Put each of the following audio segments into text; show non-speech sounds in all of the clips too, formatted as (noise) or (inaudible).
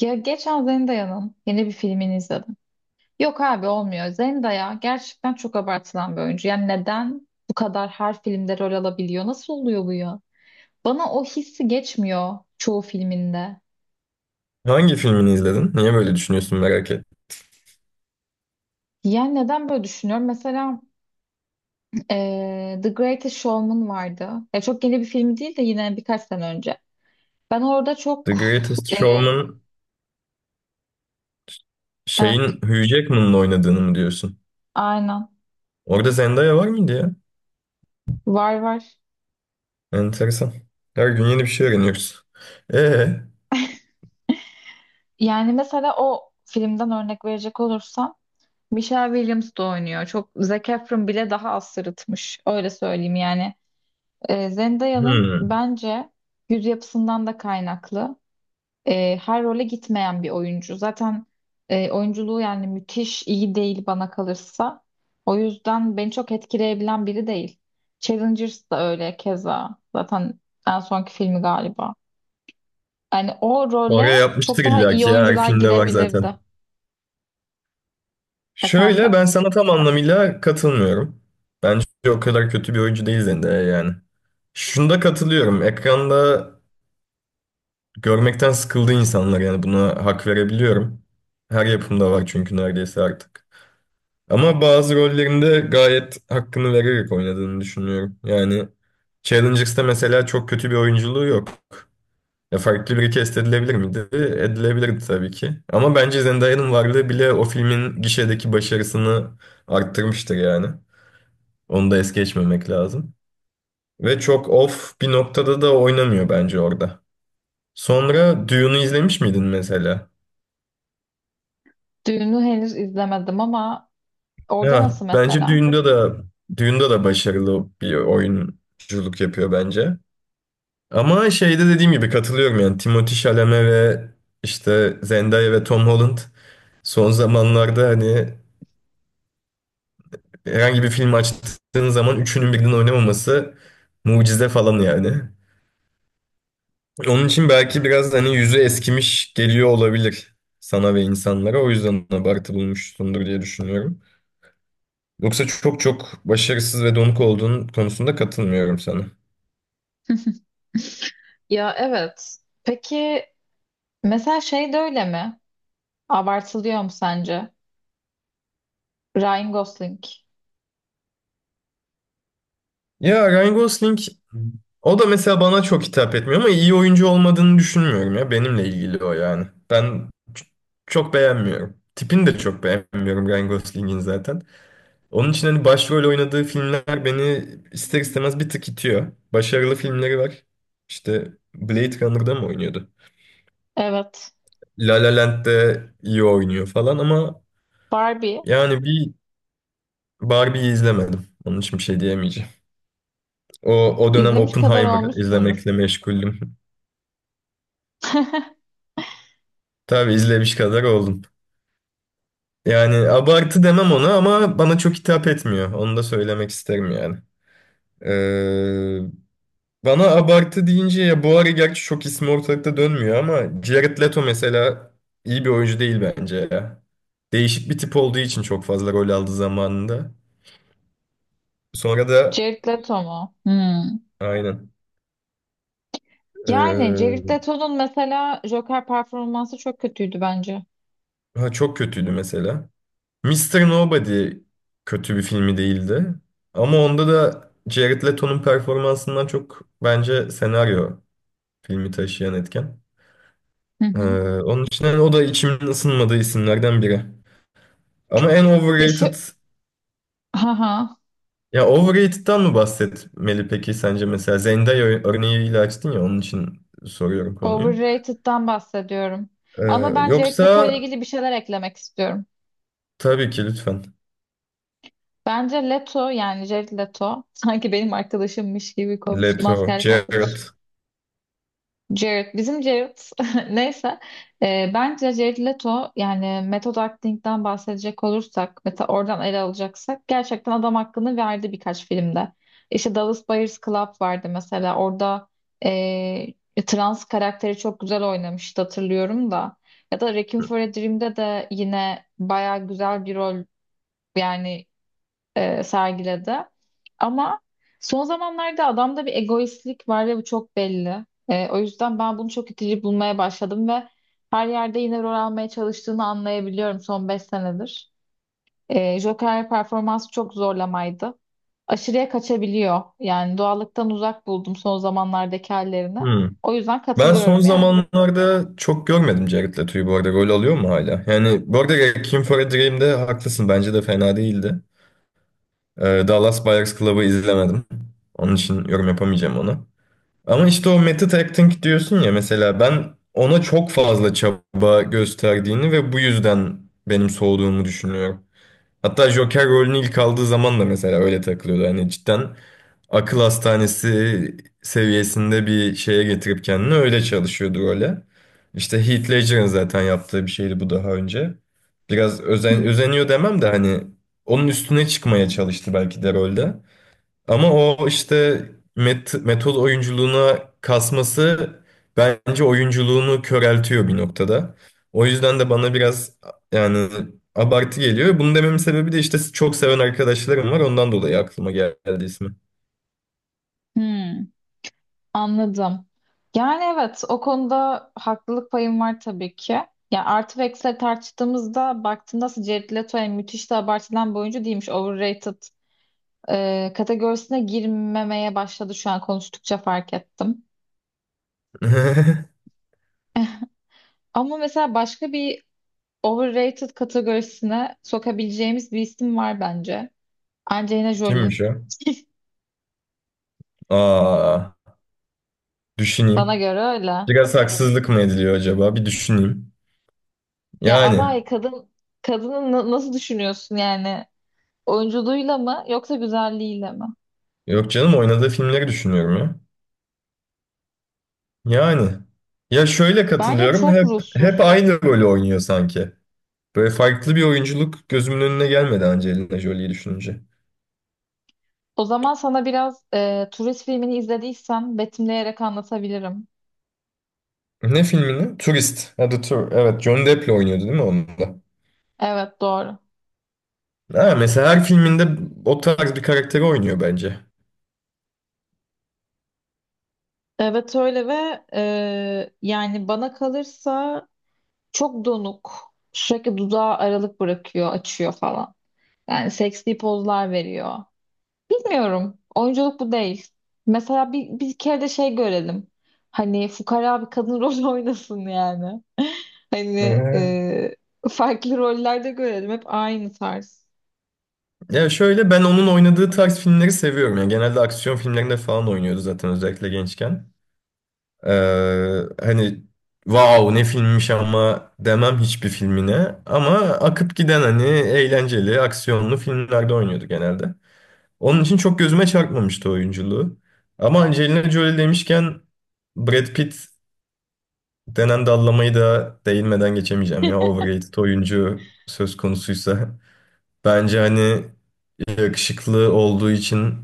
Ya geçen Zendaya'nın yeni bir filmini izledim. Yok abi olmuyor. Zendaya gerçekten çok abartılan bir oyuncu. Yani neden bu kadar her filmde rol alabiliyor? Nasıl oluyor bu ya? Bana o hissi geçmiyor çoğu filminde. Hangi filmini izledin? Niye böyle düşünüyorsun merak et. Yani neden böyle düşünüyorum? Mesela The Greatest Showman vardı. Ya çok yeni bir film değil de yine birkaç sene önce. Ben orada The çok Greatest eee, Showman şeyin evet, Hugh Jackman'ın oynadığını mı diyorsun? aynen, Orada Zendaya var mıydı ya? var var. Enteresan. Her gün yeni bir şey öğreniyoruz. Ee, Yani mesela o filmden örnek verecek olursam Michelle Williams da oynuyor. Çok Zac Efron bile daha az sırıtmış. Öyle söyleyeyim yani. Zendaya'nın hmm. bence yüz yapısından da kaynaklı. Her role gitmeyen bir oyuncu. Zaten oyunculuğu yani müthiş iyi değil bana kalırsa. O yüzden beni çok etkileyebilen biri değil. Challengers da öyle keza. Zaten en sonki filmi galiba. Yani o Oraya role çok yapmıştır daha iyi illaki ya her oyuncular filmde var zaten. girebilirdi. Şöyle Efendim. ben sana tam anlamıyla katılmıyorum. Bence o kadar kötü bir oyuncu değil Zendaya yani. Şunda katılıyorum. Ekranda görmekten sıkıldı insanlar, yani buna hak verebiliyorum. Her yapımda var çünkü neredeyse artık. Ama bazı rollerinde gayet hakkını vererek oynadığını düşünüyorum. Yani Challengers'ta mesela çok kötü bir oyunculuğu yok. Ya farklı bir cast edilebilir miydi? Edilebilirdi tabii ki. Ama bence Zendaya'nın varlığı bile o filmin gişedeki başarısını arttırmıştır yani. Onu da es geçmemek lazım. Ve çok off bir noktada da oynamıyor bence orada. Sonra Dune'u izlemiş miydin mesela? Düğünü henüz izlemedim ama orada Ya, nasıl bence mesela? Dune'da da başarılı bir oyunculuk yapıyor bence. Ama şeyde dediğim gibi katılıyorum, yani Timothée Chalamet ve işte Zendaya ve Tom Holland son zamanlarda hani herhangi bir film açtığın zaman üçünün birden oynamaması mucize falan yani. Onun için belki biraz hani yüzü eskimiş geliyor olabilir sana ve insanlara. O yüzden abartı bulmuşsundur diye düşünüyorum. Yoksa çok çok başarısız ve donuk olduğun konusunda katılmıyorum sana. Ya evet. Peki mesela şey de öyle mi? Abartılıyor mu sence? Ryan Gosling. Ya Ryan Gosling, o da mesela bana çok hitap etmiyor ama iyi oyuncu olmadığını düşünmüyorum ya. Benimle ilgili o yani. Çok beğenmiyorum. Tipini de çok beğenmiyorum Ryan Gosling'in zaten. Onun için hani başrol oynadığı filmler beni ister istemez bir tık itiyor. Başarılı filmleri var. İşte Blade Runner'da mı oynuyordu? Evet. La La Land'de iyi oynuyor falan ama Barbie. yani bir. Barbie'yi izlemedim. Onun için bir şey diyemeyeceğim. O, o dönem İzlemiş kadar Oppenheimer olmuşsundur. izlemekle meşguldüm. (laughs) (laughs) Tabii izlemiş kadar oldum. Yani abartı demem ona ama bana çok hitap etmiyor. Onu da söylemek isterim yani. Ee, Bana abartı deyince ya, bu ara gerçi çok ismi ortalıkta dönmüyor ama Jared Leto mesela iyi bir oyuncu değil bence ya. Değişik bir tip olduğu için çok fazla rol aldı zamanında. Sonra da. Jared Leto mu? Hmm. Aynen. Yani Jared Ee, Leto'nun mesela Joker performansı çok kötüydü bence. ha, çok kötüydü mesela. Mister Nobody kötü bir filmi değildi. Ama onda da Jared Leto'nun performansından çok bence senaryo, filmi taşıyan etken. Hı Ee, hı. Onun için hani o da içimin ısınmadığı isimlerden biri. Ama en Yaşı... overrated... Haha. Ya overrated'tan mı bahsetmeli peki sence mesela? Zendaya örneğiyle açtın ya onun için soruyorum konuyu. Overrated'dan bahsediyorum. Ee, Ama ben Jared Leto yoksa ile ilgili bir şeyler eklemek istiyorum. tabii ki lütfen. Bence Leto yani Jared Leto (laughs) sanki benim arkadaşımmış gibi konuştum, Leto, askerlik arkadaşım. Jared. Jared, bizim Jared (laughs) neyse. Bence Jared Leto yani method acting'den bahsedecek olursak mesela oradan ele alacaksak gerçekten adam hakkını verdi birkaç filmde. İşte Dallas Buyers Club vardı mesela, orada ee, trans karakteri çok güzel oynamıştı, hatırlıyorum da. Ya da Requiem for a Dream'de de yine baya güzel bir rol yani sergiledi. Ama son zamanlarda adamda bir egoistlik var ve bu çok belli. O yüzden ben bunu çok itici bulmaya başladım ve her yerde yine rol almaya çalıştığını anlayabiliyorum son 5 senedir. Joker performansı çok zorlamaydı. Aşırıya kaçabiliyor. Yani doğallıktan uzak buldum son zamanlardaki hallerini. Hmm. O yüzden Ben son katılıyorum yani. zamanlarda çok görmedim Jared Leto'yu bu arada. Rol alıyor mu hala? Yani bu arada Requiem for a Dream'de haklısın. Bence de fena değildi. Dallas Buyers Club'ı izlemedim. Onun için yorum yapamayacağım ona. Ama işte o method acting diyorsun ya, mesela ben ona çok fazla çaba gösterdiğini ve bu yüzden benim soğuduğumu düşünüyorum. Hatta Joker rolünü ilk aldığı zaman da mesela öyle takılıyordu. Hani cidden akıl hastanesi seviyesinde bir şeye getirip kendini öyle çalışıyordu role. İşte Heath Ledger'ın zaten yaptığı bir şeydi bu daha önce. Biraz Hı özeniyor demem de hani onun üstüne çıkmaya çalıştı belki de rolde. Ama o işte metod oyunculuğuna kasması bence oyunculuğunu köreltiyor bir noktada. O yüzden de bana biraz, yani abartı geliyor. Bunu dememin sebebi de işte çok seven arkadaşlarım var. Ondan dolayı aklıma geldi ismi. hı. Anladım. Yani evet, o konuda haklılık payım var tabii ki. Ya artı ve eksileri tartıştığımızda baktığında aslında Jared Leto yani müthiş de abartılan bir oyuncu değilmiş. Overrated kategorisine girmemeye başladı, şu an konuştukça fark ettim. (laughs) Ama mesela başka bir overrated kategorisine sokabileceğimiz bir isim var bence. Angelina Jolie. Kimmiş o? (laughs) Aa, Bana düşüneyim. göre öyle. Biraz haksızlık mı ediliyor acaba? Bir düşüneyim. Ya Yani ama kadın kadını nasıl düşünüyorsun yani? Oyunculuğuyla mı yoksa güzelliğiyle mi? yok canım, oynadığı filmleri düşünüyorum ya. Yani ya şöyle, Bence katılıyorum, çok hep ruhsuz. aynı rolü oynuyor sanki. Böyle farklı bir oyunculuk gözümün önüne gelmedi Angelina Jolie'yi düşününce. O zaman sana biraz turist filmini izlediysen betimleyerek anlatabilirim. Ne filmini? Turist. Ha, The Tour. Evet, John Depp'le oynuyordu değil mi onda? Evet, doğru. Ha, mesela her filminde o tarz bir karakteri oynuyor bence. Evet öyle ve yani bana kalırsa çok donuk. Sürekli dudağı aralık bırakıyor, açıyor falan. Yani seksi pozlar veriyor. Bilmiyorum. Oyunculuk bu değil. Mesela bir kere de şey görelim. Hani fukara bir kadın (laughs) rol oynasın yani. Hani Ee, farklı rollerde görelim. Hep aynı tarz. Ya şöyle ben onun oynadığı tarz filmleri seviyorum. Yani genelde aksiyon filmlerinde falan oynuyordu zaten, özellikle gençken. Hani wow ne filmmiş ama demem hiçbir filmine. Ama akıp giden hani eğlenceli aksiyonlu filmlerde oynuyordu genelde. Onun için çok gözüme çarpmamıştı oyunculuğu. Ama Angelina Jolie demişken Brad Pitt denen dallamayı da değinmeden geçemeyeceğim ya. Overrated oyuncu söz konusuysa. Bence hani yakışıklı olduğu için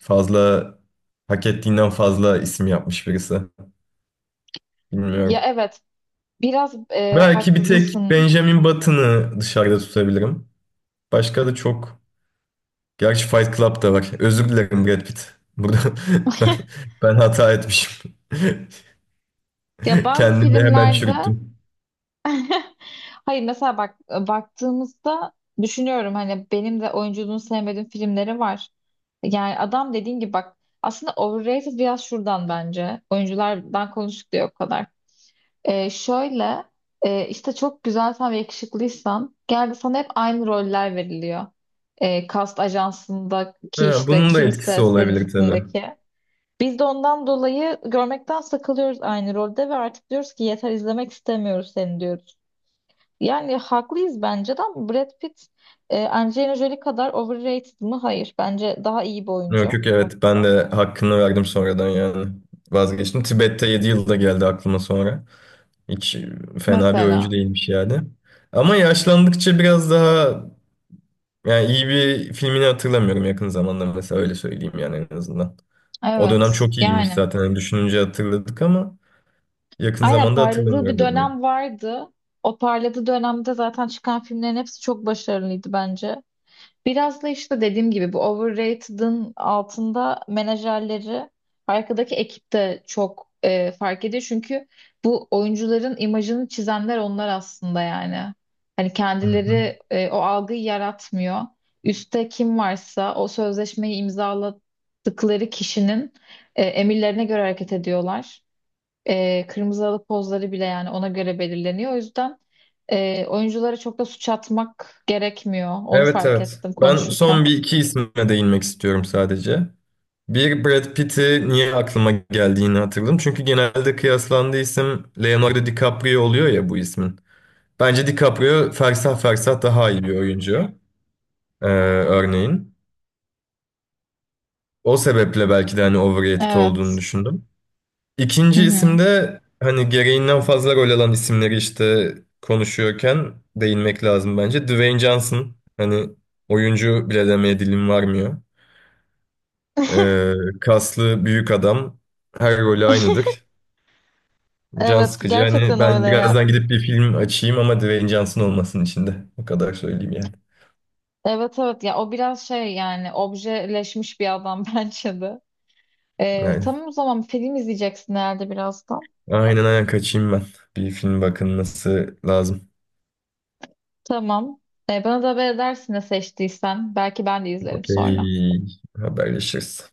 fazla, hak ettiğinden fazla isim yapmış birisi. Ya Bilmiyorum. evet, biraz Belki bir tek haklısın. Benjamin Button'ı dışarıda tutabilirim. Başka da çok. Gerçi Fight Club da var. Özür dilerim Brad Pitt. Burada (laughs) ben, (laughs) ben hata etmişim. (laughs) Ya bazı Kendimi hemen filmlerde çürüttüm. (laughs) hayır, mesela bak, baktığımızda düşünüyorum, hani benim de oyunculuğunu sevmediğim filmleri var. Yani adam dediğin gibi bak aslında overrated biraz şuradan bence. Oyunculardan konuştuk diye o kadar. Şöyle işte çok güzelsen ve yakışıklıysan geldi sana hep aynı roller veriliyor. Kast ajansındaki Ha, işte bunun da etkisi kimse senin olabilir tabii. üstündeki. Biz de ondan dolayı görmekten sıkılıyoruz aynı rolde ve artık diyoruz ki yeter, izlemek istemiyoruz seni, diyoruz. Yani haklıyız bence de, ama Brad Pitt Angelina Jolie kadar overrated mı? Hayır. Bence daha iyi bir Yok oyuncu. yok, evet, ben de hakkını verdim sonradan yani. Vazgeçtim. Tibet'te 7 yılda geldi aklıma sonra. Hiç fena bir oyuncu Mesela. değilmiş yani. Ama yaşlandıkça biraz daha, yani iyi bir filmini hatırlamıyorum yakın zamanda mesela, öyle söyleyeyim yani, en azından. O dönem Evet. çok iyiymiş Yani. zaten. Yani düşününce hatırladık ama yakın Aynen zamanda parladığı bir hatırlamıyorum dedim. dönem vardı. O parladığı dönemde zaten çıkan filmlerin hepsi çok başarılıydı bence. Biraz da işte dediğim gibi bu overrated'ın altında menajerleri, arkadaki ekip de çok fark ediyor. Çünkü bu oyuncuların imajını çizenler onlar aslında yani. Hani Hı hı. kendileri o algıyı yaratmıyor. Üste kim varsa o sözleşmeyi imzaladıkları kişinin emirlerine göre hareket ediyorlar. Kırmızı halı pozları bile yani ona göre belirleniyor. O yüzden oyunculara çok da suç atmak gerekmiyor. Onu Evet fark evet. ettim Ben konuşurken. son bir iki isme değinmek istiyorum sadece. Bir, Brad Pitt'i niye aklıma geldiğini hatırladım. Çünkü genelde kıyaslandığı isim Leonardo DiCaprio oluyor ya bu ismin. Bence DiCaprio fersah fersah daha iyi bir oyuncu, örneğin. O sebeple belki de hani overrated olduğunu Evet. düşündüm. Hı İkinci hı. isimde hani gereğinden fazla rol alan isimleri işte konuşuyorken değinmek lazım bence. Dwayne Johnson hani, oyuncu bile demeye dilim varmıyor. Ee, Kaslı büyük adam, her rolü (laughs) aynıdır. Can Evet sıkıcı. Hani gerçekten ben öyle ya. birazdan gidip bir film açayım ama Dwayne Johnson olmasın içinde. O kadar söyleyeyim yani. Evet evet ya, o biraz şey yani objeleşmiş bir adam (laughs) bence de. Aynen. Tamam o zaman film izleyeceksin herhalde birazdan. Aynen, aynen, kaçayım ben. Bir film bakılması lazım. Tamam. Bana da haber edersin ne seçtiysen. Belki ben de izlerim sonra. Okey. Haberleşiriz.